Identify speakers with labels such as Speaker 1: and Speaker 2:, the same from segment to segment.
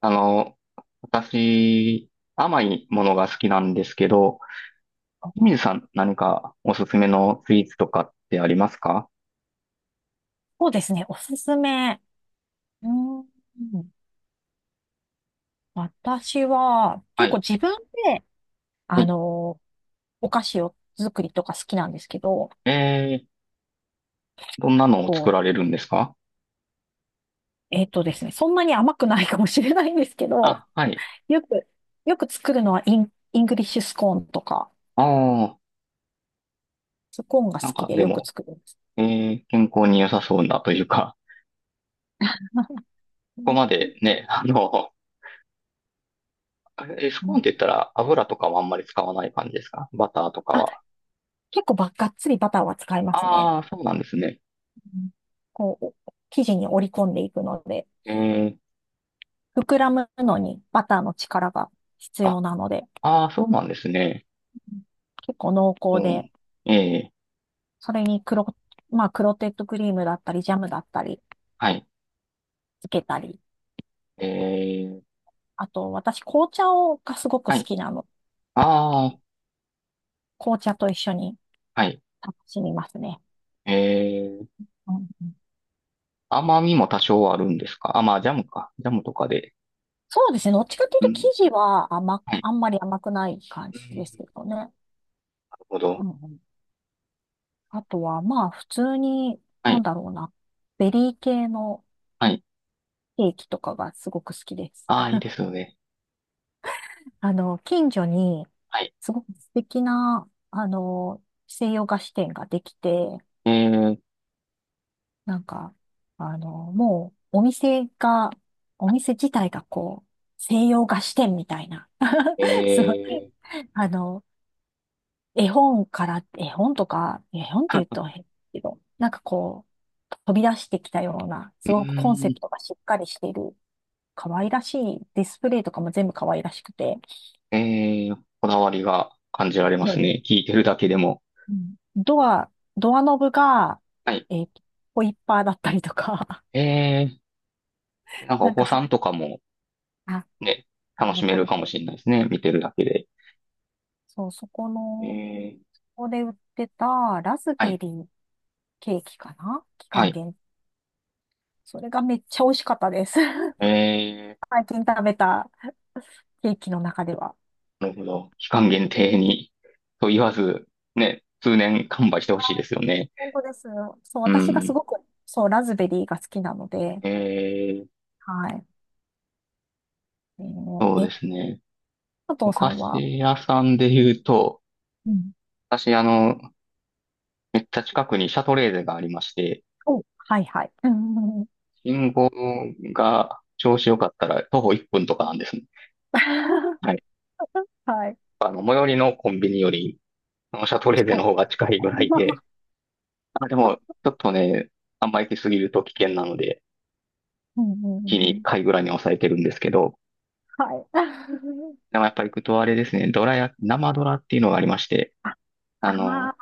Speaker 1: あの、私、甘いものが好きなんですけど、清水さん何かおすすめのスイーツとかってありますか？
Speaker 2: そうですね。おすすめ。うーん。私は、
Speaker 1: は
Speaker 2: 結構
Speaker 1: い。
Speaker 2: 自分で、
Speaker 1: は
Speaker 2: あ
Speaker 1: い。
Speaker 2: の、お菓子を作りとか好きなんですけど、
Speaker 1: えー、どんなのを
Speaker 2: こ
Speaker 1: 作られるんですか？
Speaker 2: えっとですね、そんなに甘くないかもしれないんですけど、
Speaker 1: あ、はい。
Speaker 2: よく、よく作るのはイングリッシュスコーンとか、
Speaker 1: ああ、
Speaker 2: スコーンが好
Speaker 1: なん
Speaker 2: き
Speaker 1: か
Speaker 2: で
Speaker 1: で
Speaker 2: よく
Speaker 1: も、
Speaker 2: 作るんです。
Speaker 1: 健康に良さそうなというか、
Speaker 2: う
Speaker 1: ここ
Speaker 2: ん
Speaker 1: までね、ス
Speaker 2: う
Speaker 1: コーン
Speaker 2: ん。
Speaker 1: って言ったら油とかはあんまり使わない感じですか？バターとか
Speaker 2: あ、
Speaker 1: は。
Speaker 2: 結構がっつりバターは使いますね。
Speaker 1: ああ、そうなんですね。
Speaker 2: うん。こう、お生地に折り込んでいくので、
Speaker 1: えー、
Speaker 2: 膨らむのにバターの力が必
Speaker 1: あ、
Speaker 2: 要なので、
Speaker 1: ああ、そうなんですね。
Speaker 2: 結構濃
Speaker 1: う
Speaker 2: 厚で、
Speaker 1: ん。ええ、
Speaker 2: それにまあ、クロテッドクリームだったり、ジャムだったり、
Speaker 1: はい。
Speaker 2: つけたり。
Speaker 1: えー、
Speaker 2: あと、私、紅茶をがすごく好
Speaker 1: はい。
Speaker 2: きなの。
Speaker 1: ああ、
Speaker 2: 紅茶と一緒に
Speaker 1: はい。
Speaker 2: 楽しみますね。
Speaker 1: えー、
Speaker 2: うんうん。
Speaker 1: 甘みも多少あるんですか？あ、まあ、ジャムか。ジャムとかで。
Speaker 2: そうですね。どっちかという
Speaker 1: う
Speaker 2: と、生
Speaker 1: ん。
Speaker 2: 地は
Speaker 1: はい。
Speaker 2: あんまり甘くない感
Speaker 1: う
Speaker 2: じです
Speaker 1: ん。
Speaker 2: けどね。
Speaker 1: なるほど。
Speaker 2: うんうん。あとは、まあ、普通に、
Speaker 1: は
Speaker 2: なん
Speaker 1: い。
Speaker 2: だろうな。ベリー系の
Speaker 1: はい。
Speaker 2: ケーキとかがすごく好きです。
Speaker 1: ああ、いいですよね。
Speaker 2: 近所に、
Speaker 1: はい。
Speaker 2: すごく素敵な、西洋菓子店ができて、
Speaker 1: え
Speaker 2: なんか、もう、お店自体がこう、西洋菓子店みたいな、
Speaker 1: ー、
Speaker 2: すごい、
Speaker 1: えー、
Speaker 2: あの、絵本とか、絵本って言うと 変だけど、なんかこう、飛び出してきたような、
Speaker 1: う
Speaker 2: すごくコンセ
Speaker 1: ーん。
Speaker 2: プトがしっかりしている、可愛らしいディスプレイとかも全部可愛らしくて、
Speaker 1: こだわりが感じられますね。聞いてるだけでも。
Speaker 2: うん。ドアノブが、
Speaker 1: はい。
Speaker 2: えっと、ホイッパーだったりとか、
Speaker 1: えー、なんか
Speaker 2: な
Speaker 1: お
Speaker 2: ん
Speaker 1: 子
Speaker 2: かそ
Speaker 1: さん
Speaker 2: れ、
Speaker 1: とかも
Speaker 2: あ、
Speaker 1: ね、
Speaker 2: 喜
Speaker 1: 楽しめる
Speaker 2: び
Speaker 1: か
Speaker 2: そ
Speaker 1: も
Speaker 2: う。
Speaker 1: しれないですね。見てるだけで。
Speaker 2: そう、そこ
Speaker 1: え
Speaker 2: の、こ
Speaker 1: ー、
Speaker 2: こで売ってたラズ
Speaker 1: は
Speaker 2: ベ
Speaker 1: い。
Speaker 2: リーケーキかな、期
Speaker 1: は
Speaker 2: 間
Speaker 1: い。
Speaker 2: 限定。それがめっちゃ美味しかったです。
Speaker 1: えー
Speaker 2: 最近食べたケーキの中では。
Speaker 1: なるほど。期間限定に、と言わず、ね、通年完売してほしいですよね。
Speaker 2: 本当です。そう、
Speaker 1: う
Speaker 2: 私がす
Speaker 1: ん。
Speaker 2: ごく、そう、ラズベリーが好きなので、
Speaker 1: えー、
Speaker 2: はい。え
Speaker 1: そう
Speaker 2: ー、
Speaker 1: で
Speaker 2: え、
Speaker 1: すね。
Speaker 2: 佐
Speaker 1: お
Speaker 2: 藤さ
Speaker 1: 菓
Speaker 2: んは、
Speaker 1: 子屋さんで言うと、
Speaker 2: うん。
Speaker 1: 私、めっちゃ近くにシャトレーゼがありまして、
Speaker 2: お、はいはい。うんうんうん。
Speaker 1: 信号が調子良かったら徒歩1分とかなんですね。は い。
Speaker 2: はい。
Speaker 1: 最寄りのコンビニより、あのシャトレーゼ
Speaker 2: 近
Speaker 1: の
Speaker 2: い。
Speaker 1: 方が近いぐらいで、まあでも、ちょっとね、あんま行きすぎると危険なので、
Speaker 2: うんうんう
Speaker 1: 月に
Speaker 2: んう
Speaker 1: 1
Speaker 2: ん。
Speaker 1: 回ぐらいに抑えてるんですけど、
Speaker 2: はい。
Speaker 1: でもやっぱり行くとあれですね、ドラや生ドラっていうのがありまして、
Speaker 2: あ、
Speaker 1: あ
Speaker 2: あ
Speaker 1: の、
Speaker 2: あ、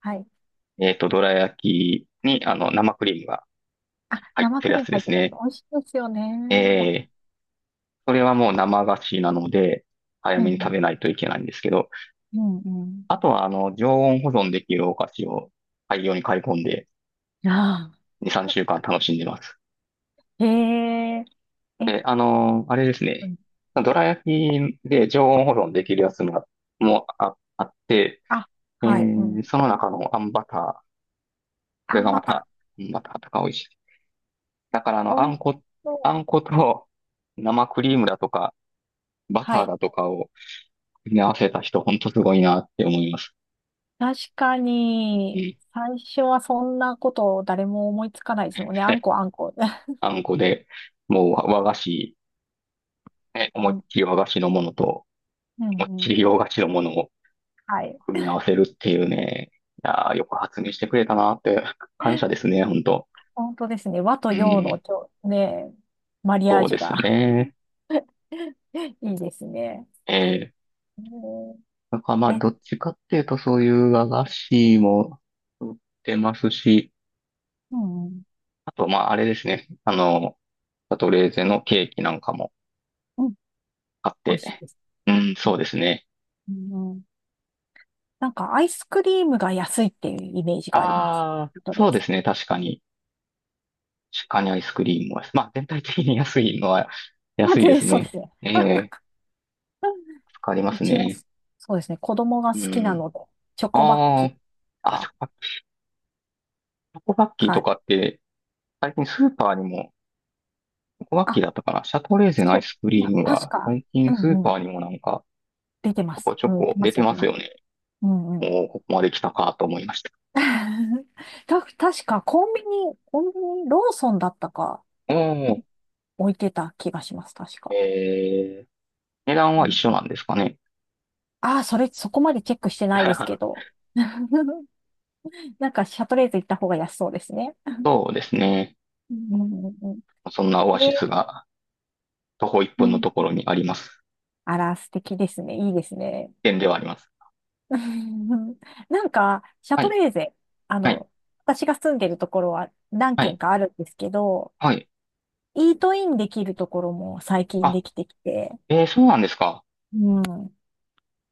Speaker 2: はい。
Speaker 1: ドラ焼きに、生クリームが
Speaker 2: あ、
Speaker 1: 入っ
Speaker 2: 生
Speaker 1: て
Speaker 2: ク
Speaker 1: るや
Speaker 2: リー
Speaker 1: つ
Speaker 2: ム
Speaker 1: で
Speaker 2: 入っ
Speaker 1: す
Speaker 2: てます。
Speaker 1: ね。
Speaker 2: 美味しいですよね。わ、
Speaker 1: えー、それはもう生菓子なので、早
Speaker 2: うんう
Speaker 1: めに食
Speaker 2: ん。
Speaker 1: べないといけないんですけど、
Speaker 2: うんうん。
Speaker 1: あとは、常温保存できるお菓子を大量に買い込んで、
Speaker 2: あ
Speaker 1: 2、
Speaker 2: あ。
Speaker 1: 3週間楽しんでます。
Speaker 2: へえ、え、
Speaker 1: で、あれです
Speaker 2: う
Speaker 1: ね、
Speaker 2: ん。
Speaker 1: ドラ焼きで常温保存できるやつも、あって、
Speaker 2: あ、はい。うん。
Speaker 1: その中のあんバター、こ
Speaker 2: あ、
Speaker 1: れがま
Speaker 2: ま
Speaker 1: た、
Speaker 2: た。
Speaker 1: あんバターとか美味しい。だから
Speaker 2: 美味しそ
Speaker 1: あんこと生クリ
Speaker 2: う。
Speaker 1: ームだとか、バタ
Speaker 2: は
Speaker 1: ー
Speaker 2: い。
Speaker 1: だとかを組み合わせた人、ほんとすごいなって思います。
Speaker 2: 確か
Speaker 1: う
Speaker 2: に、
Speaker 1: ん。
Speaker 2: 最初はそんなこと誰も思いつかないですよね。あん こあんこ。
Speaker 1: あんこで、もう和和菓子、ね、思い
Speaker 2: う
Speaker 1: っ
Speaker 2: ん。
Speaker 1: きり和菓子のものと、
Speaker 2: うん
Speaker 1: もっ
Speaker 2: う
Speaker 1: ちり
Speaker 2: んうん。
Speaker 1: 洋菓子のものを
Speaker 2: はい。
Speaker 1: 組み合わせるっていうね、いやーよく発明してくれたなって、感謝ですね、ほんと。
Speaker 2: 本当ですね。和と
Speaker 1: う
Speaker 2: 洋の
Speaker 1: ん、
Speaker 2: ね、マリアー
Speaker 1: そう
Speaker 2: ジ
Speaker 1: で
Speaker 2: ュ
Speaker 1: す
Speaker 2: が。
Speaker 1: ね。
Speaker 2: いいですね。
Speaker 1: ええ、
Speaker 2: えー
Speaker 1: なんかまあ、
Speaker 2: え、
Speaker 1: どっちかっていうと、そういう和菓子も売ってますし、
Speaker 2: うんうん、
Speaker 1: あとまあ、あれですね。シャトレーゼのケーキなんかも
Speaker 2: うん、
Speaker 1: あっ
Speaker 2: 美味しい
Speaker 1: て。
Speaker 2: です。
Speaker 1: うん、
Speaker 2: う
Speaker 1: そうですね。
Speaker 2: ん、うん。なんかアイスクリームが安いっていうイメージがあります。
Speaker 1: ああ、
Speaker 2: そう
Speaker 1: そう
Speaker 2: で
Speaker 1: で
Speaker 2: す。
Speaker 1: すね。確かに。確かにアイスクリームは。まあ、全体的に安いのは
Speaker 2: まあ
Speaker 1: 安いで
Speaker 2: で、
Speaker 1: す
Speaker 2: そうで
Speaker 1: ね。
Speaker 2: すね。
Speaker 1: ええ、助かりま
Speaker 2: う
Speaker 1: す
Speaker 2: ちは、
Speaker 1: ね。
Speaker 2: そうですね、子供が
Speaker 1: う
Speaker 2: 好きな
Speaker 1: ん。
Speaker 2: ので、チョコバッ
Speaker 1: あ
Speaker 2: キーと
Speaker 1: あ、あ、
Speaker 2: か
Speaker 1: チョコバッキーと
Speaker 2: か
Speaker 1: かって、最近スーパーにも、チョコバッキ
Speaker 2: あ、
Speaker 1: ーだったかな。シャトレーゼのア
Speaker 2: そ
Speaker 1: イ
Speaker 2: う、
Speaker 1: スク
Speaker 2: い
Speaker 1: リ
Speaker 2: や、
Speaker 1: ーム
Speaker 2: 確
Speaker 1: が、
Speaker 2: か、
Speaker 1: 最
Speaker 2: う
Speaker 1: 近スー
Speaker 2: んう
Speaker 1: パ
Speaker 2: ん、
Speaker 1: ーにもなんか、
Speaker 2: 出てま
Speaker 1: ちょ
Speaker 2: す。
Speaker 1: こちょ
Speaker 2: うん、出て
Speaker 1: こ
Speaker 2: ま
Speaker 1: 出
Speaker 2: す、
Speaker 1: て
Speaker 2: 出
Speaker 1: ま
Speaker 2: て
Speaker 1: す
Speaker 2: ます。
Speaker 1: よね。
Speaker 2: うんうん。
Speaker 1: おお、ここまで来たかと思いました。
Speaker 2: 確かコンビニ、ローソンだったか
Speaker 1: おお、
Speaker 2: 置いてた気がします、確か。
Speaker 1: ええ、値段
Speaker 2: う
Speaker 1: は一
Speaker 2: ん。
Speaker 1: 緒なんですかね。
Speaker 2: ああ、そこまでチェックしてないですけ ど。なんか、シャトレーゼ行った方が安そうですね。
Speaker 1: そうですね。
Speaker 2: うんうんうん。
Speaker 1: そんなオ
Speaker 2: え
Speaker 1: アシス
Speaker 2: ー
Speaker 1: が徒歩1
Speaker 2: う
Speaker 1: 分の
Speaker 2: ん。
Speaker 1: ところにあります。
Speaker 2: あら、素敵ですね。いいですね。
Speaker 1: 点ではあります。
Speaker 2: うん。なんか、シャ
Speaker 1: は
Speaker 2: ト
Speaker 1: い、
Speaker 2: レーゼ、あ
Speaker 1: はい、
Speaker 2: の、私が住んでるところは何
Speaker 1: は
Speaker 2: 軒
Speaker 1: い、
Speaker 2: かあるんですけど、
Speaker 1: はい。
Speaker 2: イートインできるところも最近
Speaker 1: あ、
Speaker 2: できてきて、
Speaker 1: そうなんですか？
Speaker 2: うん、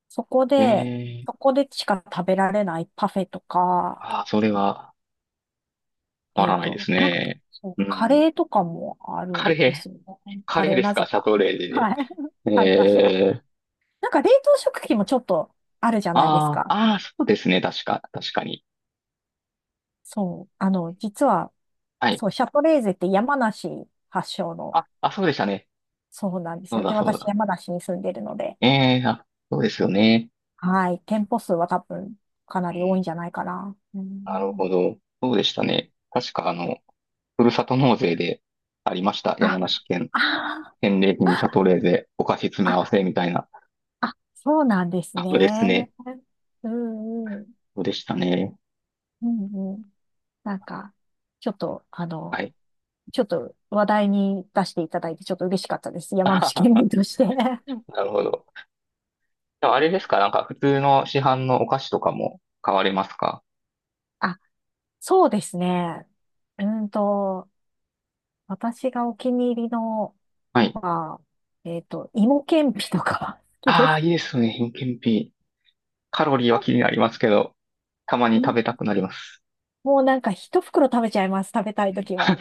Speaker 2: そこ
Speaker 1: え
Speaker 2: で、
Speaker 1: ー、
Speaker 2: そこでしか食べられないパフェとか、
Speaker 1: あー、それは、わわらないです
Speaker 2: なんか、
Speaker 1: ね。
Speaker 2: そう、
Speaker 1: う
Speaker 2: カ
Speaker 1: ん。
Speaker 2: レーとかもある
Speaker 1: カ
Speaker 2: ん
Speaker 1: レ
Speaker 2: ですよね。
Speaker 1: ー、カ
Speaker 2: カ
Speaker 1: レー
Speaker 2: レー
Speaker 1: です
Speaker 2: なぜ
Speaker 1: か？シャ
Speaker 2: か。
Speaker 1: トレーゼ
Speaker 2: は
Speaker 1: で。
Speaker 2: い。カレー出してます。
Speaker 1: えー、
Speaker 2: なんか冷凍食品もちょっとあるじゃないです
Speaker 1: あー、
Speaker 2: か。
Speaker 1: あー、そうですね。確かに。
Speaker 2: そう。実は、
Speaker 1: はい。
Speaker 2: そう、シャトレーゼって山梨発祥の、
Speaker 1: あ、あ、そうでしたね。
Speaker 2: そうなんです
Speaker 1: そう
Speaker 2: よ。で、
Speaker 1: だ、そう
Speaker 2: 私
Speaker 1: だ。
Speaker 2: 山梨に住んでるので、
Speaker 1: あ、そうですよね。
Speaker 2: はい。店舗数は多分かな
Speaker 1: う
Speaker 2: り多い
Speaker 1: ん、
Speaker 2: んじゃないかな。う
Speaker 1: なる
Speaker 2: ん。
Speaker 1: ほど。そうでしたね。確か、ふるさと納税でありました。山
Speaker 2: あ、
Speaker 1: 梨県
Speaker 2: あー、
Speaker 1: 返礼品シャトレーゼお菓子詰め合わ
Speaker 2: あ、
Speaker 1: せみたいな。
Speaker 2: あ、そうなんです
Speaker 1: あ、そうです
Speaker 2: ね。
Speaker 1: ね。
Speaker 2: うんうん。
Speaker 1: そうでしたね。
Speaker 2: うんうん。なんか、ちょっと、あ
Speaker 1: は
Speaker 2: の、
Speaker 1: い。
Speaker 2: ちょっと話題に出していただいて、ちょっと嬉しかったです。山梨県民として。
Speaker 1: なるほど。でもあれですか？なんか普通の市販のお菓子とかも買われますか？
Speaker 2: あ、そうですね。うーんと、私がお気に入りの
Speaker 1: はい。
Speaker 2: は、芋けんぴとか 好きで
Speaker 1: ああ、
Speaker 2: す。
Speaker 1: いいですね。品検品。カロリーは気にな りますけど、たまに
Speaker 2: う
Speaker 1: 食
Speaker 2: ん。
Speaker 1: べたくなります。
Speaker 2: もうなんか一袋食べちゃいます。食べたいとき
Speaker 1: うん。
Speaker 2: は。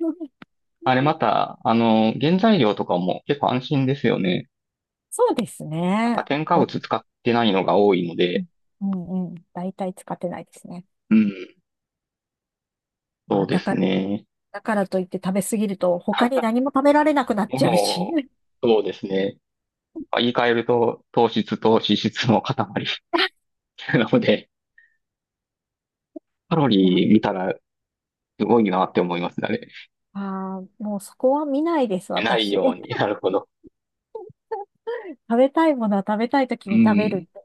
Speaker 1: あれまた、原材料とかも結構安心ですよね。
Speaker 2: そうです
Speaker 1: なんか
Speaker 2: ね。
Speaker 1: 添加
Speaker 2: お、うん
Speaker 1: 物使ってないのが多いので、
Speaker 2: うんうん。大体使ってないですね。
Speaker 1: うん、
Speaker 2: ま
Speaker 1: そう
Speaker 2: あ、
Speaker 1: で
Speaker 2: だ
Speaker 1: す
Speaker 2: から、
Speaker 1: ね。
Speaker 2: だからといって食べ過ぎると他に何も食べられなくなっちゃうし。
Speaker 1: も う、そうですね。言い換えると、糖質と脂質の塊 なので、カロ
Speaker 2: いや、
Speaker 1: リー見たらすごいなって思いますね、あれ。
Speaker 2: もうそこは見ないです、
Speaker 1: ない
Speaker 2: 私。
Speaker 1: ように。なるほど。
Speaker 2: 食べたいものは食べたいとき
Speaker 1: う
Speaker 2: に食べるっ
Speaker 1: ん。
Speaker 2: て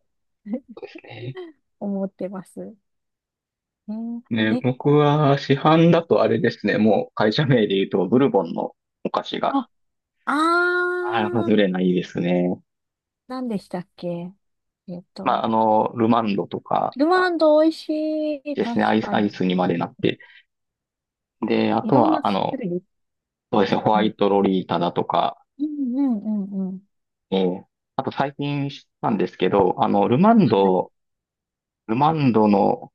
Speaker 1: そうですね。
Speaker 2: 思ってます。えー
Speaker 1: ね、
Speaker 2: え、
Speaker 1: 僕は市販だとあれですね。もう会社名で言うと、ブルボンのお菓子が、
Speaker 2: あ、
Speaker 1: ああ、
Speaker 2: あ
Speaker 1: 外
Speaker 2: ー、
Speaker 1: れないですね。
Speaker 2: 何でしたっけ？えっ
Speaker 1: まあ、
Speaker 2: と、
Speaker 1: ルマンドとか
Speaker 2: ルマンド美味しい。
Speaker 1: です
Speaker 2: 確
Speaker 1: ね。
Speaker 2: か
Speaker 1: ア
Speaker 2: に。
Speaker 1: イスにまでなって。で、あ
Speaker 2: い
Speaker 1: と
Speaker 2: ろんな
Speaker 1: は、
Speaker 2: 種類
Speaker 1: そ
Speaker 2: 出
Speaker 1: うです
Speaker 2: て
Speaker 1: ね。
Speaker 2: る。
Speaker 1: ホ
Speaker 2: う
Speaker 1: ワ
Speaker 2: ん。
Speaker 1: イトロリータだとか、
Speaker 2: うんうんうんうん。
Speaker 1: ええ、あと最近知ったんですけど、
Speaker 2: はい。
Speaker 1: ルマンドの、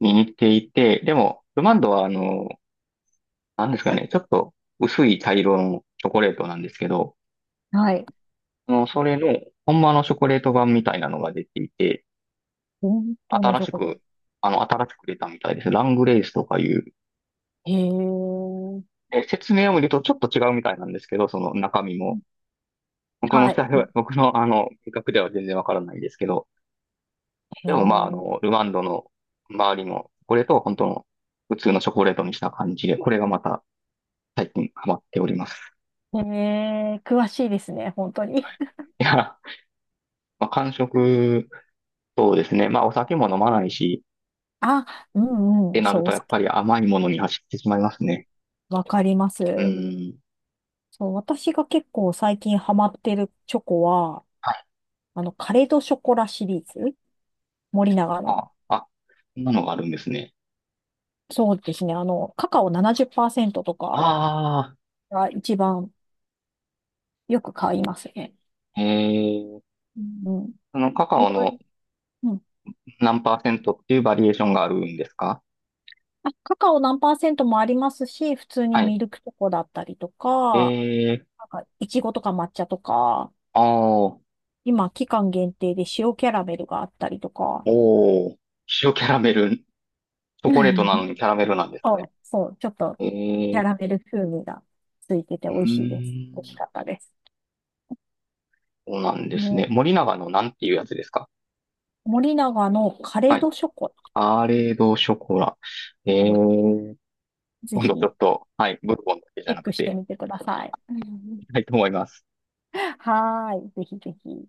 Speaker 1: に似ていて、でも、ルマンドはなんですかね、ちょっと薄い茶色のチョコレートなんですけど、
Speaker 2: はい。
Speaker 1: それの、ほんまのチョコレート版みたいなのが出ていて、
Speaker 2: 本当の
Speaker 1: 新
Speaker 2: チョ
Speaker 1: し
Speaker 2: コで
Speaker 1: く、
Speaker 2: す。
Speaker 1: 新しく出たみたいです。ラングレースとかいう。
Speaker 2: へえ。
Speaker 1: で、説明を見るとちょっと違うみたいなんですけど、その中身も。僕の
Speaker 2: はい。
Speaker 1: 下では、僕の味覚では全然わからないですけど、
Speaker 2: へ
Speaker 1: でもまあ、
Speaker 2: え。
Speaker 1: ルワンドの周りのチョコレートを本当の普通のチョコレートにした感じで、これがまた最近ハマっております。
Speaker 2: へー。詳しいですね、本当に。
Speaker 1: いや、まあ、間食、そうですね。まあ、お酒も飲まないし、
Speaker 2: あ、う
Speaker 1: っ
Speaker 2: んう
Speaker 1: て
Speaker 2: ん。
Speaker 1: な
Speaker 2: そ
Speaker 1: る
Speaker 2: う、お
Speaker 1: とやっ
Speaker 2: 酒、
Speaker 1: ぱり甘いものに走ってしまいますね。
Speaker 2: わかりま
Speaker 1: う
Speaker 2: す。
Speaker 1: ん。
Speaker 2: そう、私が結構最近ハマってるチョコは、
Speaker 1: はい。
Speaker 2: カレ・ド・ショコラシリーズ、森永の。
Speaker 1: あ、あ、こんなのがあるんですね。
Speaker 2: そうですね。カカオ70%とか
Speaker 1: あ
Speaker 2: が一番よく買いますね。
Speaker 1: あ、ー、
Speaker 2: うん、うん。
Speaker 1: そのカカ
Speaker 2: い
Speaker 1: オ
Speaker 2: ろい
Speaker 1: の
Speaker 2: ろ、うん。
Speaker 1: 何パーセントっていうバリエーションがあるんですか？
Speaker 2: あ、カカオ何パーセントもありますし、普通に
Speaker 1: はい。
Speaker 2: ミルクチョコだったりとか、
Speaker 1: えー、
Speaker 2: なんか、いちごとか抹茶とか、
Speaker 1: ああ、
Speaker 2: 今、期間限定で塩キャラメルがあったりとか。
Speaker 1: おー、塩キャラメル。チョコレートなの にキャラメルなんです
Speaker 2: そう、
Speaker 1: ね。
Speaker 2: そう、ちょっと
Speaker 1: え
Speaker 2: キャ
Speaker 1: ー、
Speaker 2: ラメル風味がついてて
Speaker 1: う
Speaker 2: 美味
Speaker 1: ー
Speaker 2: しいです。美味し
Speaker 1: ん。
Speaker 2: かったです。
Speaker 1: そうなんです
Speaker 2: ね、
Speaker 1: ね。森永のなんていうやつですか？
Speaker 2: 森永のカレ
Speaker 1: はい。
Speaker 2: ドショコラ、
Speaker 1: アーレードショコラ。え
Speaker 2: あれ
Speaker 1: ー、
Speaker 2: ぜ
Speaker 1: 今度
Speaker 2: ひ
Speaker 1: ちょっ
Speaker 2: チ
Speaker 1: と、はい、ブルボンだけじゃ
Speaker 2: ェッ
Speaker 1: な
Speaker 2: ク
Speaker 1: く
Speaker 2: して
Speaker 1: て、
Speaker 2: みてください。
Speaker 1: い きたいと思います。
Speaker 2: はーい、ぜひぜひ。